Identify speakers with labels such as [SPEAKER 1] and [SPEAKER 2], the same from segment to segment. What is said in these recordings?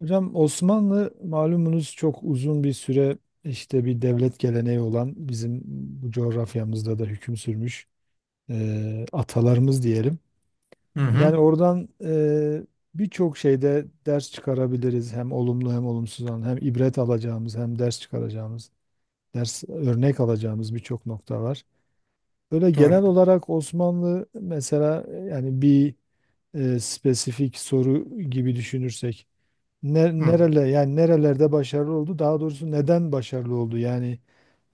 [SPEAKER 1] Hocam Osmanlı malumunuz çok uzun bir süre işte bir devlet geleneği olan bizim bu coğrafyamızda da hüküm sürmüş atalarımız diyelim.
[SPEAKER 2] Hı
[SPEAKER 1] Yani
[SPEAKER 2] hı,
[SPEAKER 1] oradan birçok şeyde ders çıkarabiliriz, hem olumlu hem olumsuz olan, hem ibret alacağımız hem ders çıkaracağımız, ders örnek alacağımız birçok nokta var. Böyle
[SPEAKER 2] doğru.
[SPEAKER 1] genel olarak Osmanlı mesela, yani bir spesifik soru gibi düşünürsek,
[SPEAKER 2] Hı,
[SPEAKER 1] nerele yani nerelerde başarılı oldu? Daha doğrusu neden başarılı oldu? Yani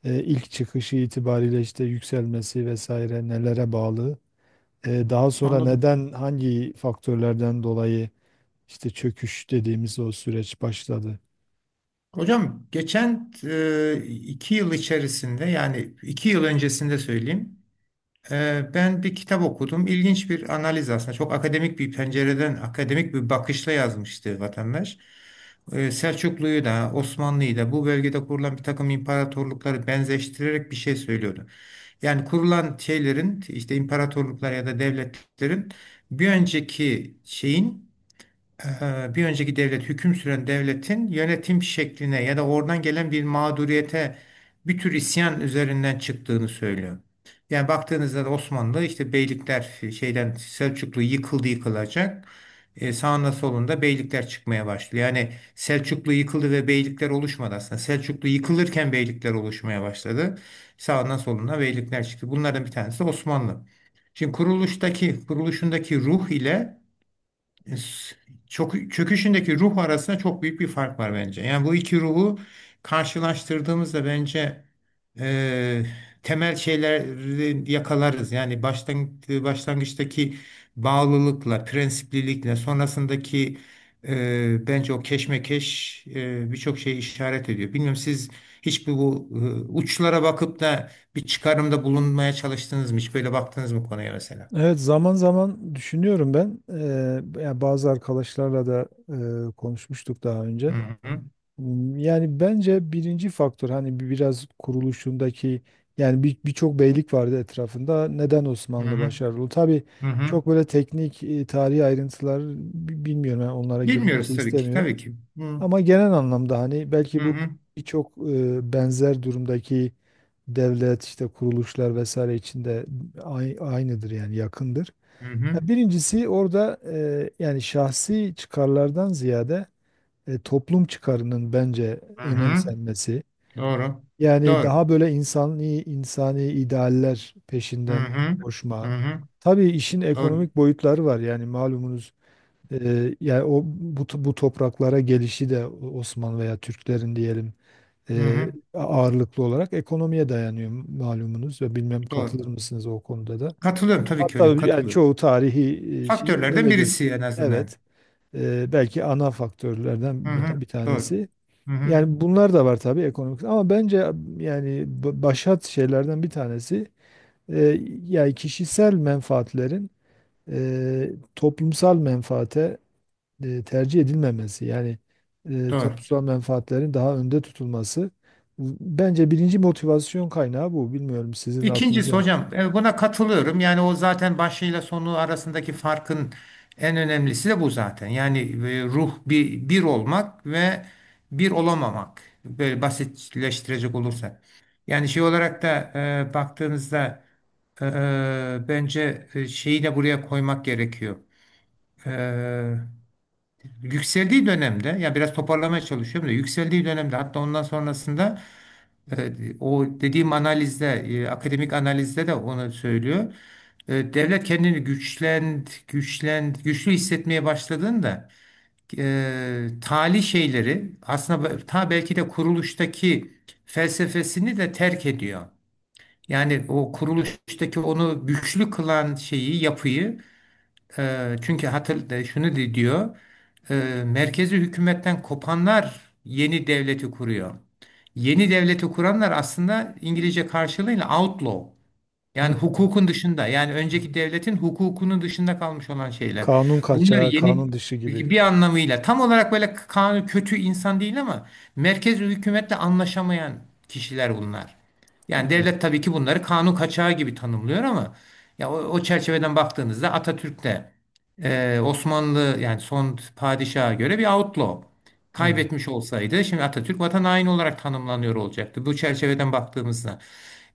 [SPEAKER 1] ilk çıkışı itibariyle işte yükselmesi vesaire nelere bağlı? Daha sonra
[SPEAKER 2] anladım.
[SPEAKER 1] neden, hangi faktörlerden dolayı işte çöküş dediğimiz o süreç başladı?
[SPEAKER 2] Hocam geçen iki yıl içerisinde yani iki yıl öncesinde söyleyeyim. Ben bir kitap okudum. İlginç bir analiz aslında. Çok akademik bir pencereden, akademik bir bakışla yazmıştı vatandaş. Selçuklu'yu da, Osmanlı'yı da bu bölgede kurulan bir takım imparatorlukları benzeştirerek bir şey söylüyordu. Yani kurulan şeylerin işte imparatorluklar ya da devletlerin bir önceki şeyin bir önceki devlet hüküm süren devletin yönetim şekline ya da oradan gelen bir mağduriyete bir tür isyan üzerinden çıktığını söylüyor. Yani baktığınızda da Osmanlı işte beylikler şeyden Selçuklu yıkıldı yıkılacak. Sağında solunda beylikler çıkmaya başlıyor. Yani Selçuklu yıkıldı ve beylikler oluşmadı aslında. Selçuklu yıkılırken beylikler oluşmaya başladı. Sağından soluna beylikler çıktı. Bunlardan bir tanesi de Osmanlı. Şimdi kuruluşundaki ruh ile çok çöküşündeki ruh arasında çok büyük bir fark var bence. Yani bu iki ruhu karşılaştırdığımızda bence e, temel şeyleri yakalarız. Yani baştan, başlangıçtaki bağlılıkla, prensiplilikle, sonrasındaki bence o keşmekeş birçok şeyi işaret ediyor. Bilmiyorum siz hiç uçlara bakıp da bir çıkarımda bulunmaya çalıştınız mı? Hiç böyle baktınız mı konuya mesela?
[SPEAKER 1] Evet, zaman zaman düşünüyorum ben. Yani bazı arkadaşlarla da konuşmuştuk daha
[SPEAKER 2] Hı
[SPEAKER 1] önce.
[SPEAKER 2] hı.
[SPEAKER 1] Hmm, yani bence birinci faktör, hani biraz kuruluşundaki, yani birçok beylik vardı etrafında. Neden
[SPEAKER 2] Hı
[SPEAKER 1] Osmanlı
[SPEAKER 2] hı.
[SPEAKER 1] başarılı? Tabii
[SPEAKER 2] Hı hı.
[SPEAKER 1] çok böyle teknik, tarihi ayrıntılar bilmiyorum. Yani onlara girmek de
[SPEAKER 2] Bilmiyoruz tabii ki.
[SPEAKER 1] istemiyorum.
[SPEAKER 2] Tabii ki. Hı
[SPEAKER 1] Ama genel anlamda hani
[SPEAKER 2] hı
[SPEAKER 1] belki bu
[SPEAKER 2] hı
[SPEAKER 1] birçok benzer durumdaki devlet, işte kuruluşlar vesaire içinde aynıdır yani, yakındır.
[SPEAKER 2] hı
[SPEAKER 1] Ya
[SPEAKER 2] hı.
[SPEAKER 1] birincisi, orada yani şahsi çıkarlardan ziyade toplum çıkarının bence
[SPEAKER 2] Hı hı.
[SPEAKER 1] önemsenmesi.
[SPEAKER 2] Doğru.
[SPEAKER 1] Yani
[SPEAKER 2] Doğru.
[SPEAKER 1] daha böyle insani insani idealler
[SPEAKER 2] Hı
[SPEAKER 1] peşinden
[SPEAKER 2] hı. Hı
[SPEAKER 1] koşma.
[SPEAKER 2] hı.
[SPEAKER 1] Tabii işin
[SPEAKER 2] Doğru.
[SPEAKER 1] ekonomik boyutları var. Yani malumunuz, yani o bu topraklara gelişi de Osmanlı veya Türklerin diyelim,
[SPEAKER 2] Hı
[SPEAKER 1] e,
[SPEAKER 2] hı.
[SPEAKER 1] ağırlıklı olarak ekonomiye dayanıyor malumunuz, ve bilmem
[SPEAKER 2] Doğru.
[SPEAKER 1] katılır mısınız o konuda da.
[SPEAKER 2] Katılıyorum tabii ki
[SPEAKER 1] Hatta
[SPEAKER 2] hocam.
[SPEAKER 1] yani
[SPEAKER 2] Katılıyorum.
[SPEAKER 1] çoğu tarihi şeyi
[SPEAKER 2] Faktörlerden
[SPEAKER 1] öyle göz.
[SPEAKER 2] birisi en azından.
[SPEAKER 1] Evet. Belki ana
[SPEAKER 2] Hı
[SPEAKER 1] faktörlerden
[SPEAKER 2] hı.
[SPEAKER 1] bir
[SPEAKER 2] Doğru.
[SPEAKER 1] tanesi.
[SPEAKER 2] Hı hı.
[SPEAKER 1] Yani bunlar da var tabii, ekonomik, ama bence yani başat şeylerden bir tanesi yani kişisel menfaatlerin toplumsal menfaate tercih edilmemesi, yani
[SPEAKER 2] Doğru.
[SPEAKER 1] toplumsal menfaatlerin daha önde tutulması bence birinci motivasyon kaynağı bu. Bilmiyorum sizin
[SPEAKER 2] İkincisi
[SPEAKER 1] aklınıza.
[SPEAKER 2] hocam buna katılıyorum. Yani o zaten başıyla sonu arasındaki farkın en önemlisi de bu zaten. Yani ruh bir olmak ve bir olamamak. Böyle basitleştirecek olursak. Yani şey olarak da baktığınızda bence şeyi de buraya koymak gerekiyor. E, yükseldiği dönemde ya biraz toparlamaya çalışıyorum da yükseldiği dönemde hatta ondan sonrasında. Evet, o dediğim analizde, akademik analizde de onu söylüyor. Devlet kendini güçlü hissetmeye başladığında tali şeyleri aslında be- ta belki de kuruluştaki felsefesini de terk ediyor. Yani o kuruluştaki onu güçlü kılan şeyi, yapıyı çünkü şunu diyor, e, merkezi hükümetten kopanlar yeni devleti kuruyor. Yeni devleti kuranlar aslında İngilizce karşılığıyla outlaw. Yani
[SPEAKER 1] Hı.
[SPEAKER 2] hukukun dışında, yani önceki devletin hukukunun dışında kalmış olan şeyler.
[SPEAKER 1] Kanun
[SPEAKER 2] Bunlar
[SPEAKER 1] kaçağı, kanun
[SPEAKER 2] yeni
[SPEAKER 1] dışı gibi.
[SPEAKER 2] bir anlamıyla tam olarak böyle kanun kötü insan değil ama merkez hükümetle anlaşamayan kişiler bunlar. Yani devlet
[SPEAKER 1] Evet.
[SPEAKER 2] tabii ki bunları kanun kaçağı gibi tanımlıyor ama ya o çerçeveden baktığınızda Atatürk de Osmanlı yani son padişaha göre bir outlaw
[SPEAKER 1] Evet.
[SPEAKER 2] kaybetmiş olsaydı şimdi Atatürk vatan haini olarak tanımlanıyor olacaktı bu çerçeveden baktığımızda.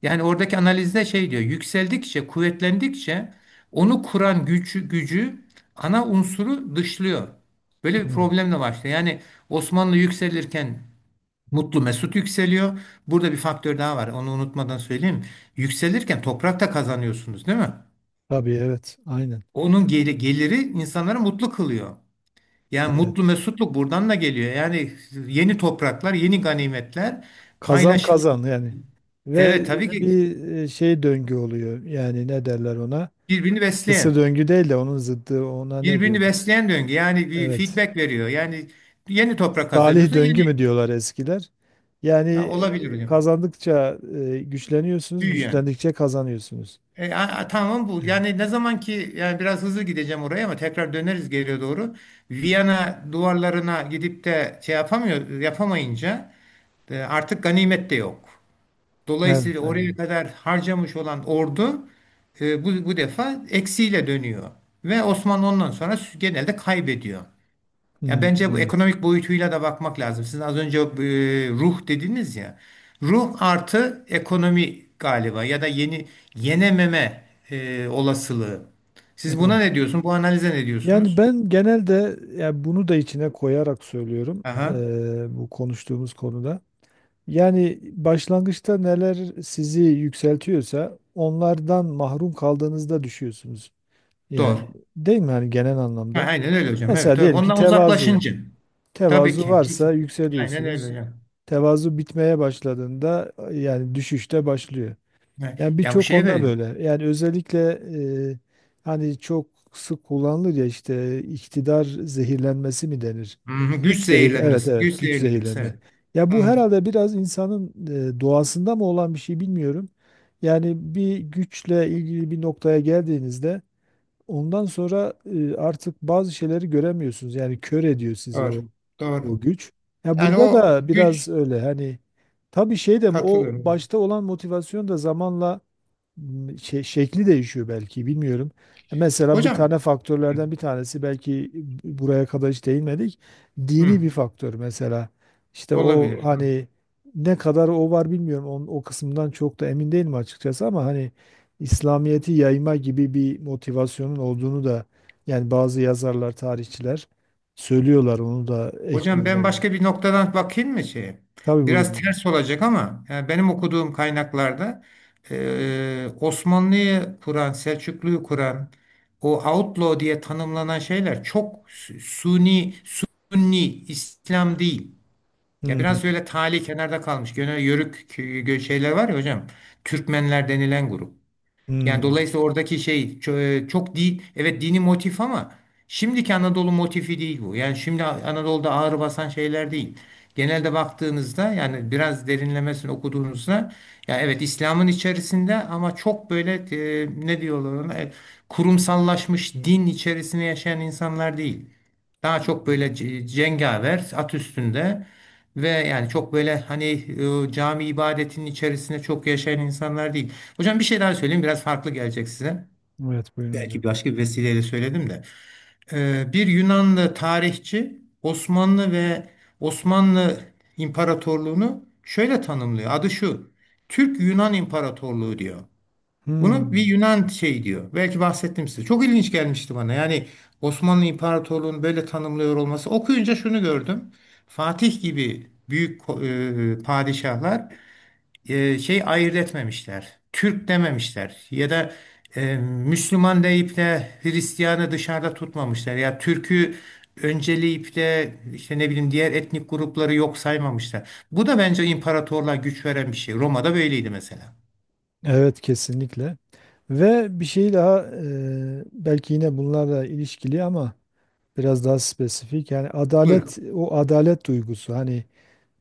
[SPEAKER 2] Yani oradaki analizde şey diyor, yükseldikçe, kuvvetlendikçe onu kuran gücü ana unsuru dışlıyor. Böyle bir
[SPEAKER 1] Evet.
[SPEAKER 2] problemle başlıyor. Yani Osmanlı yükselirken Mutlu Mesut yükseliyor. Burada bir faktör daha var. Onu unutmadan söyleyeyim. Yükselirken toprak da kazanıyorsunuz, değil mi?
[SPEAKER 1] Tabii, evet. Aynen.
[SPEAKER 2] Onun geliri insanları mutlu kılıyor. Yani mutlu mesutluk buradan da geliyor. Yani yeni topraklar, yeni ganimetler
[SPEAKER 1] Kazan
[SPEAKER 2] paylaşılıyor.
[SPEAKER 1] kazan yani. Ve
[SPEAKER 2] Evet tabii ki
[SPEAKER 1] bir şey döngü oluyor. Yani ne derler ona?
[SPEAKER 2] birbirini
[SPEAKER 1] Kısır
[SPEAKER 2] besleyen.
[SPEAKER 1] döngü değil de onun zıddı, ona ne
[SPEAKER 2] Birbirini
[SPEAKER 1] diyorduk?
[SPEAKER 2] besleyen döngü. Yani bir
[SPEAKER 1] Evet.
[SPEAKER 2] feedback veriyor. Yani yeni toprak
[SPEAKER 1] Salih
[SPEAKER 2] kazanıyorsun,
[SPEAKER 1] döngü
[SPEAKER 2] yeni
[SPEAKER 1] mü diyorlar eskiler? Yani
[SPEAKER 2] Ha, olabilir hocam.
[SPEAKER 1] kazandıkça güçleniyorsunuz,
[SPEAKER 2] Büyüyen.
[SPEAKER 1] güçlendikçe kazanıyorsunuz.
[SPEAKER 2] Tamam bu.
[SPEAKER 1] Evet,
[SPEAKER 2] Yani ne zaman ki yani biraz hızlı gideceğim oraya ama tekrar döneriz geriye doğru. Viyana duvarlarına gidip de şey yapamıyor, yapamayınca artık ganimet de yok.
[SPEAKER 1] evet,
[SPEAKER 2] Dolayısıyla
[SPEAKER 1] aynen.
[SPEAKER 2] oraya kadar harcamış olan ordu bu defa eksiyle dönüyor. Ve Osmanlı ondan sonra genelde kaybediyor. Ya
[SPEAKER 1] Hmm,
[SPEAKER 2] bence bu
[SPEAKER 1] evet.
[SPEAKER 2] ekonomik boyutuyla da bakmak lazım. Siz az önce ruh dediniz ya. Ruh artı ekonomi galiba ya da yenememe olasılığı. Siz buna
[SPEAKER 1] Evet.
[SPEAKER 2] ne diyorsun? Bu analize ne
[SPEAKER 1] Yani
[SPEAKER 2] diyorsunuz?
[SPEAKER 1] ben genelde, yani bunu da içine koyarak söylüyorum
[SPEAKER 2] Aha,
[SPEAKER 1] bu konuştuğumuz konuda. Yani başlangıçta neler sizi yükseltiyorsa, onlardan mahrum kaldığınızda düşüyorsunuz. Yani
[SPEAKER 2] doğru.
[SPEAKER 1] değil mi, hani genel
[SPEAKER 2] Ha,
[SPEAKER 1] anlamda?
[SPEAKER 2] aynen öyle hocam.
[SPEAKER 1] Mesela
[SPEAKER 2] Evet, evet.
[SPEAKER 1] diyelim ki
[SPEAKER 2] Ondan
[SPEAKER 1] tevazu.
[SPEAKER 2] uzaklaşınca. Tabii
[SPEAKER 1] Tevazu
[SPEAKER 2] ki.
[SPEAKER 1] varsa
[SPEAKER 2] Kesin. Aynen
[SPEAKER 1] yükseliyorsunuz.
[SPEAKER 2] öyle hocam.
[SPEAKER 1] Tevazu bitmeye başladığında yani düşüşte başlıyor.
[SPEAKER 2] Ha,
[SPEAKER 1] Yani
[SPEAKER 2] ya bu
[SPEAKER 1] birçok
[SPEAKER 2] şeye
[SPEAKER 1] konuda
[SPEAKER 2] veriyor.
[SPEAKER 1] böyle. Yani özellikle e, hani çok sık kullanılır ya, işte iktidar zehirlenmesi mi denir?
[SPEAKER 2] Hı, Güç
[SPEAKER 1] Evet
[SPEAKER 2] zehirlenmesi. Güç
[SPEAKER 1] evet, güç
[SPEAKER 2] zehirlenmesi.
[SPEAKER 1] zehirlenme.
[SPEAKER 2] Evet.
[SPEAKER 1] Ya bu
[SPEAKER 2] Hı,
[SPEAKER 1] herhalde biraz insanın doğasında mı olan bir şey, bilmiyorum. Yani bir güçle ilgili bir noktaya geldiğinizde, ondan sonra artık bazı şeyleri göremiyorsunuz. Yani kör ediyor sizi
[SPEAKER 2] doğru. Doğru.
[SPEAKER 1] o güç. Ya
[SPEAKER 2] Yani
[SPEAKER 1] burada
[SPEAKER 2] o
[SPEAKER 1] da biraz
[SPEAKER 2] güç
[SPEAKER 1] öyle, hani tabii şey de, o
[SPEAKER 2] katılıyorum.
[SPEAKER 1] başta olan motivasyon da zamanla şey, şekli değişiyor belki, bilmiyorum. Mesela bir
[SPEAKER 2] Hocam.
[SPEAKER 1] tane faktörlerden bir tanesi, belki buraya kadar hiç değinmedik.
[SPEAKER 2] Hı.
[SPEAKER 1] Dini bir faktör mesela. İşte o
[SPEAKER 2] Olabilir. Hı.
[SPEAKER 1] hani, ne kadar o var bilmiyorum. Onun, o kısmından çok da emin değilim açıkçası, ama hani İslamiyet'i yayma gibi bir motivasyonun olduğunu da yani bazı yazarlar, tarihçiler söylüyorlar. Onu da
[SPEAKER 2] Hocam ben
[SPEAKER 1] ekliyorlar.
[SPEAKER 2] başka bir noktadan bakayım mı şeye?
[SPEAKER 1] Tabii buyurun
[SPEAKER 2] Biraz
[SPEAKER 1] hocam.
[SPEAKER 2] ters olacak ama yani benim okuduğum kaynaklarda Osmanlı'yı kuran, Selçuklu'yu kuran o outlaw diye tanımlanan şeyler çok sunni İslam değil. Ya biraz
[SPEAKER 1] Hmm,
[SPEAKER 2] böyle tali kenarda kalmış. Gene yörük şeyler var ya hocam. Türkmenler denilen grup. Yani
[SPEAKER 1] hmm.
[SPEAKER 2] dolayısıyla oradaki şey çok değil. Evet dini motif ama şimdiki Anadolu motifi değil bu. Yani şimdi Anadolu'da ağır basan şeyler değil. Genelde baktığınızda yani biraz derinlemesine okuduğunuzda ya evet İslam'ın içerisinde ama çok böyle ne diyorlar ona, kurumsallaşmış din içerisinde yaşayan insanlar değil. Daha çok böyle cengaver at üstünde ve yani çok böyle hani cami ibadetinin içerisinde çok yaşayan insanlar değil. Hocam bir şey daha söyleyeyim biraz farklı gelecek size.
[SPEAKER 1] Evet buyurun hocam.
[SPEAKER 2] Belki başka bir vesileyle söyledim de. Bir Yunanlı tarihçi Osmanlı ve Osmanlı İmparatorluğunu şöyle tanımlıyor. Adı şu. Türk-Yunan İmparatorluğu diyor. Bunu bir
[SPEAKER 1] Hmm.
[SPEAKER 2] Yunan şey diyor. Belki bahsettim size. Çok ilginç gelmişti bana. Yani Osmanlı İmparatorluğu'nu böyle tanımlıyor olması. Okuyunca şunu gördüm. Fatih gibi büyük padişahlar şey ayırt etmemişler. Türk dememişler ya da Müslüman deyip de Hristiyanı dışarıda tutmamışlar. Ya Türk'ü önceleyip de işte ne bileyim diğer etnik grupları yok saymamışlar. Bu da bence imparatorluğa güç veren bir şey. Roma'da böyleydi mesela.
[SPEAKER 1] Evet, kesinlikle. Ve bir şey daha, belki yine bunlarla ilişkili ama biraz daha spesifik. Yani
[SPEAKER 2] Buyurun.
[SPEAKER 1] adalet, o adalet duygusu, hani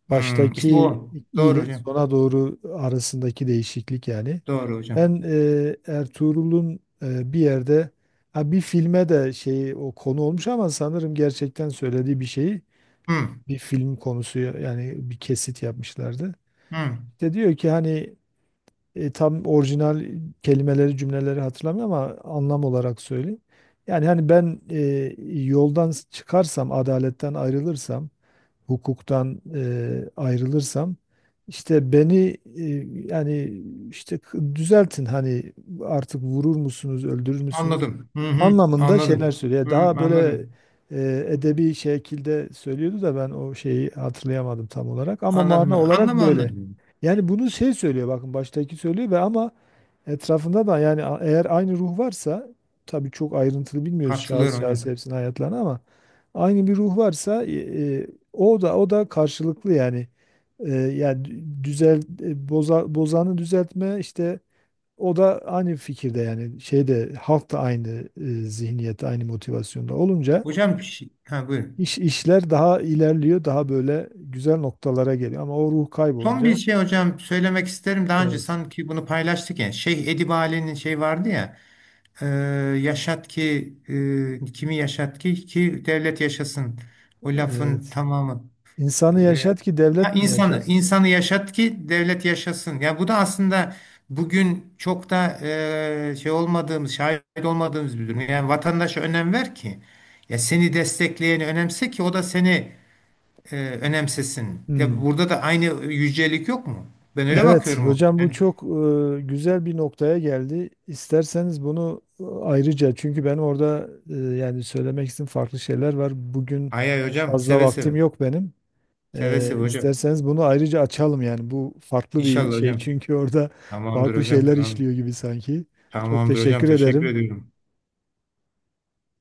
[SPEAKER 2] Hmm, işte
[SPEAKER 1] baştaki
[SPEAKER 2] o. Doğru
[SPEAKER 1] ile
[SPEAKER 2] hocam.
[SPEAKER 1] sona doğru arasındaki değişiklik yani.
[SPEAKER 2] Doğru hocam.
[SPEAKER 1] Ben Ertuğrul'un bir yerde, ha bir filme de şey, o konu olmuş ama sanırım gerçekten söylediği bir şeyi
[SPEAKER 2] Hmm,
[SPEAKER 1] bir film konusu, yani bir kesit yapmışlardı.
[SPEAKER 2] hmm.
[SPEAKER 1] İşte diyor ki hani tam orijinal kelimeleri, cümleleri hatırlamıyorum ama anlam olarak söyleyeyim. Yani hani ben yoldan çıkarsam, adaletten ayrılırsam, hukuktan ayrılırsam, işte beni yani işte düzeltin hani, artık vurur musunuz, öldürür müsünüz
[SPEAKER 2] Anladım. Hı hı.
[SPEAKER 1] anlamında şeyler
[SPEAKER 2] Anladım.
[SPEAKER 1] söylüyor.
[SPEAKER 2] Hı,
[SPEAKER 1] Daha böyle
[SPEAKER 2] anladım.
[SPEAKER 1] edebi şekilde söylüyordu da, ben o şeyi hatırlayamadım tam olarak ama mana
[SPEAKER 2] Anladım.
[SPEAKER 1] olarak
[SPEAKER 2] Anlamı
[SPEAKER 1] böyle.
[SPEAKER 2] anladım.
[SPEAKER 1] Yani bunu şey söylüyor, bakın baştaki söylüyor ve ama etrafında da yani eğer aynı ruh varsa, tabii çok ayrıntılı bilmiyoruz şahıs
[SPEAKER 2] Katılıyorum
[SPEAKER 1] şahıs
[SPEAKER 2] hocam.
[SPEAKER 1] hepsinin hayatlarını ama aynı bir ruh varsa e, o da karşılıklı yani. Yani düzel boza, bozanı düzeltme, işte o da aynı fikirde, yani şeyde halk da aynı zihniyette, aynı motivasyonda olunca
[SPEAKER 2] Hocam bir şey. Ha, buyurun.
[SPEAKER 1] işler daha ilerliyor, daha böyle güzel noktalara geliyor, ama o ruh
[SPEAKER 2] Son bir
[SPEAKER 1] kaybolunca
[SPEAKER 2] şey hocam söylemek isterim. Daha önce
[SPEAKER 1] evet
[SPEAKER 2] sanki bunu paylaştık ya. Şeyh Edip Ali'nin şey vardı ya. e, yaşat ki kimi yaşat ki devlet yaşasın. O lafın
[SPEAKER 1] evet
[SPEAKER 2] tamamı. E,
[SPEAKER 1] insanı yaşat ki
[SPEAKER 2] ha,
[SPEAKER 1] devlet mi
[SPEAKER 2] insanı
[SPEAKER 1] yaşasın?
[SPEAKER 2] insanı yaşat ki devlet yaşasın. Ya bu da aslında bugün çok da şey olmadığımız, şahit olmadığımız bir durum. Yani vatandaşa önem ver ki. Ya seni destekleyeni önemse ki o da seni e, önemsesin. Ya
[SPEAKER 1] Hmm.
[SPEAKER 2] burada da aynı yücelik yok mu? Ben öyle
[SPEAKER 1] Evet
[SPEAKER 2] bakıyorum ona.
[SPEAKER 1] hocam, bu
[SPEAKER 2] Yani
[SPEAKER 1] çok güzel bir noktaya geldi. İsterseniz bunu ayrıca, çünkü benim orada yani söylemek istediğim farklı şeyler var. Bugün
[SPEAKER 2] ay ay hocam
[SPEAKER 1] fazla
[SPEAKER 2] seve
[SPEAKER 1] vaktim
[SPEAKER 2] seve.
[SPEAKER 1] yok benim.
[SPEAKER 2] Seve seve hocam.
[SPEAKER 1] İsterseniz bunu ayrıca açalım, yani bu farklı bir
[SPEAKER 2] İnşallah
[SPEAKER 1] şey
[SPEAKER 2] hocam.
[SPEAKER 1] çünkü orada
[SPEAKER 2] Tamamdır
[SPEAKER 1] farklı
[SPEAKER 2] hocam
[SPEAKER 1] şeyler
[SPEAKER 2] tamam.
[SPEAKER 1] işliyor gibi sanki. Çok
[SPEAKER 2] Tamamdır hocam
[SPEAKER 1] teşekkür
[SPEAKER 2] teşekkür
[SPEAKER 1] ederim.
[SPEAKER 2] ediyorum.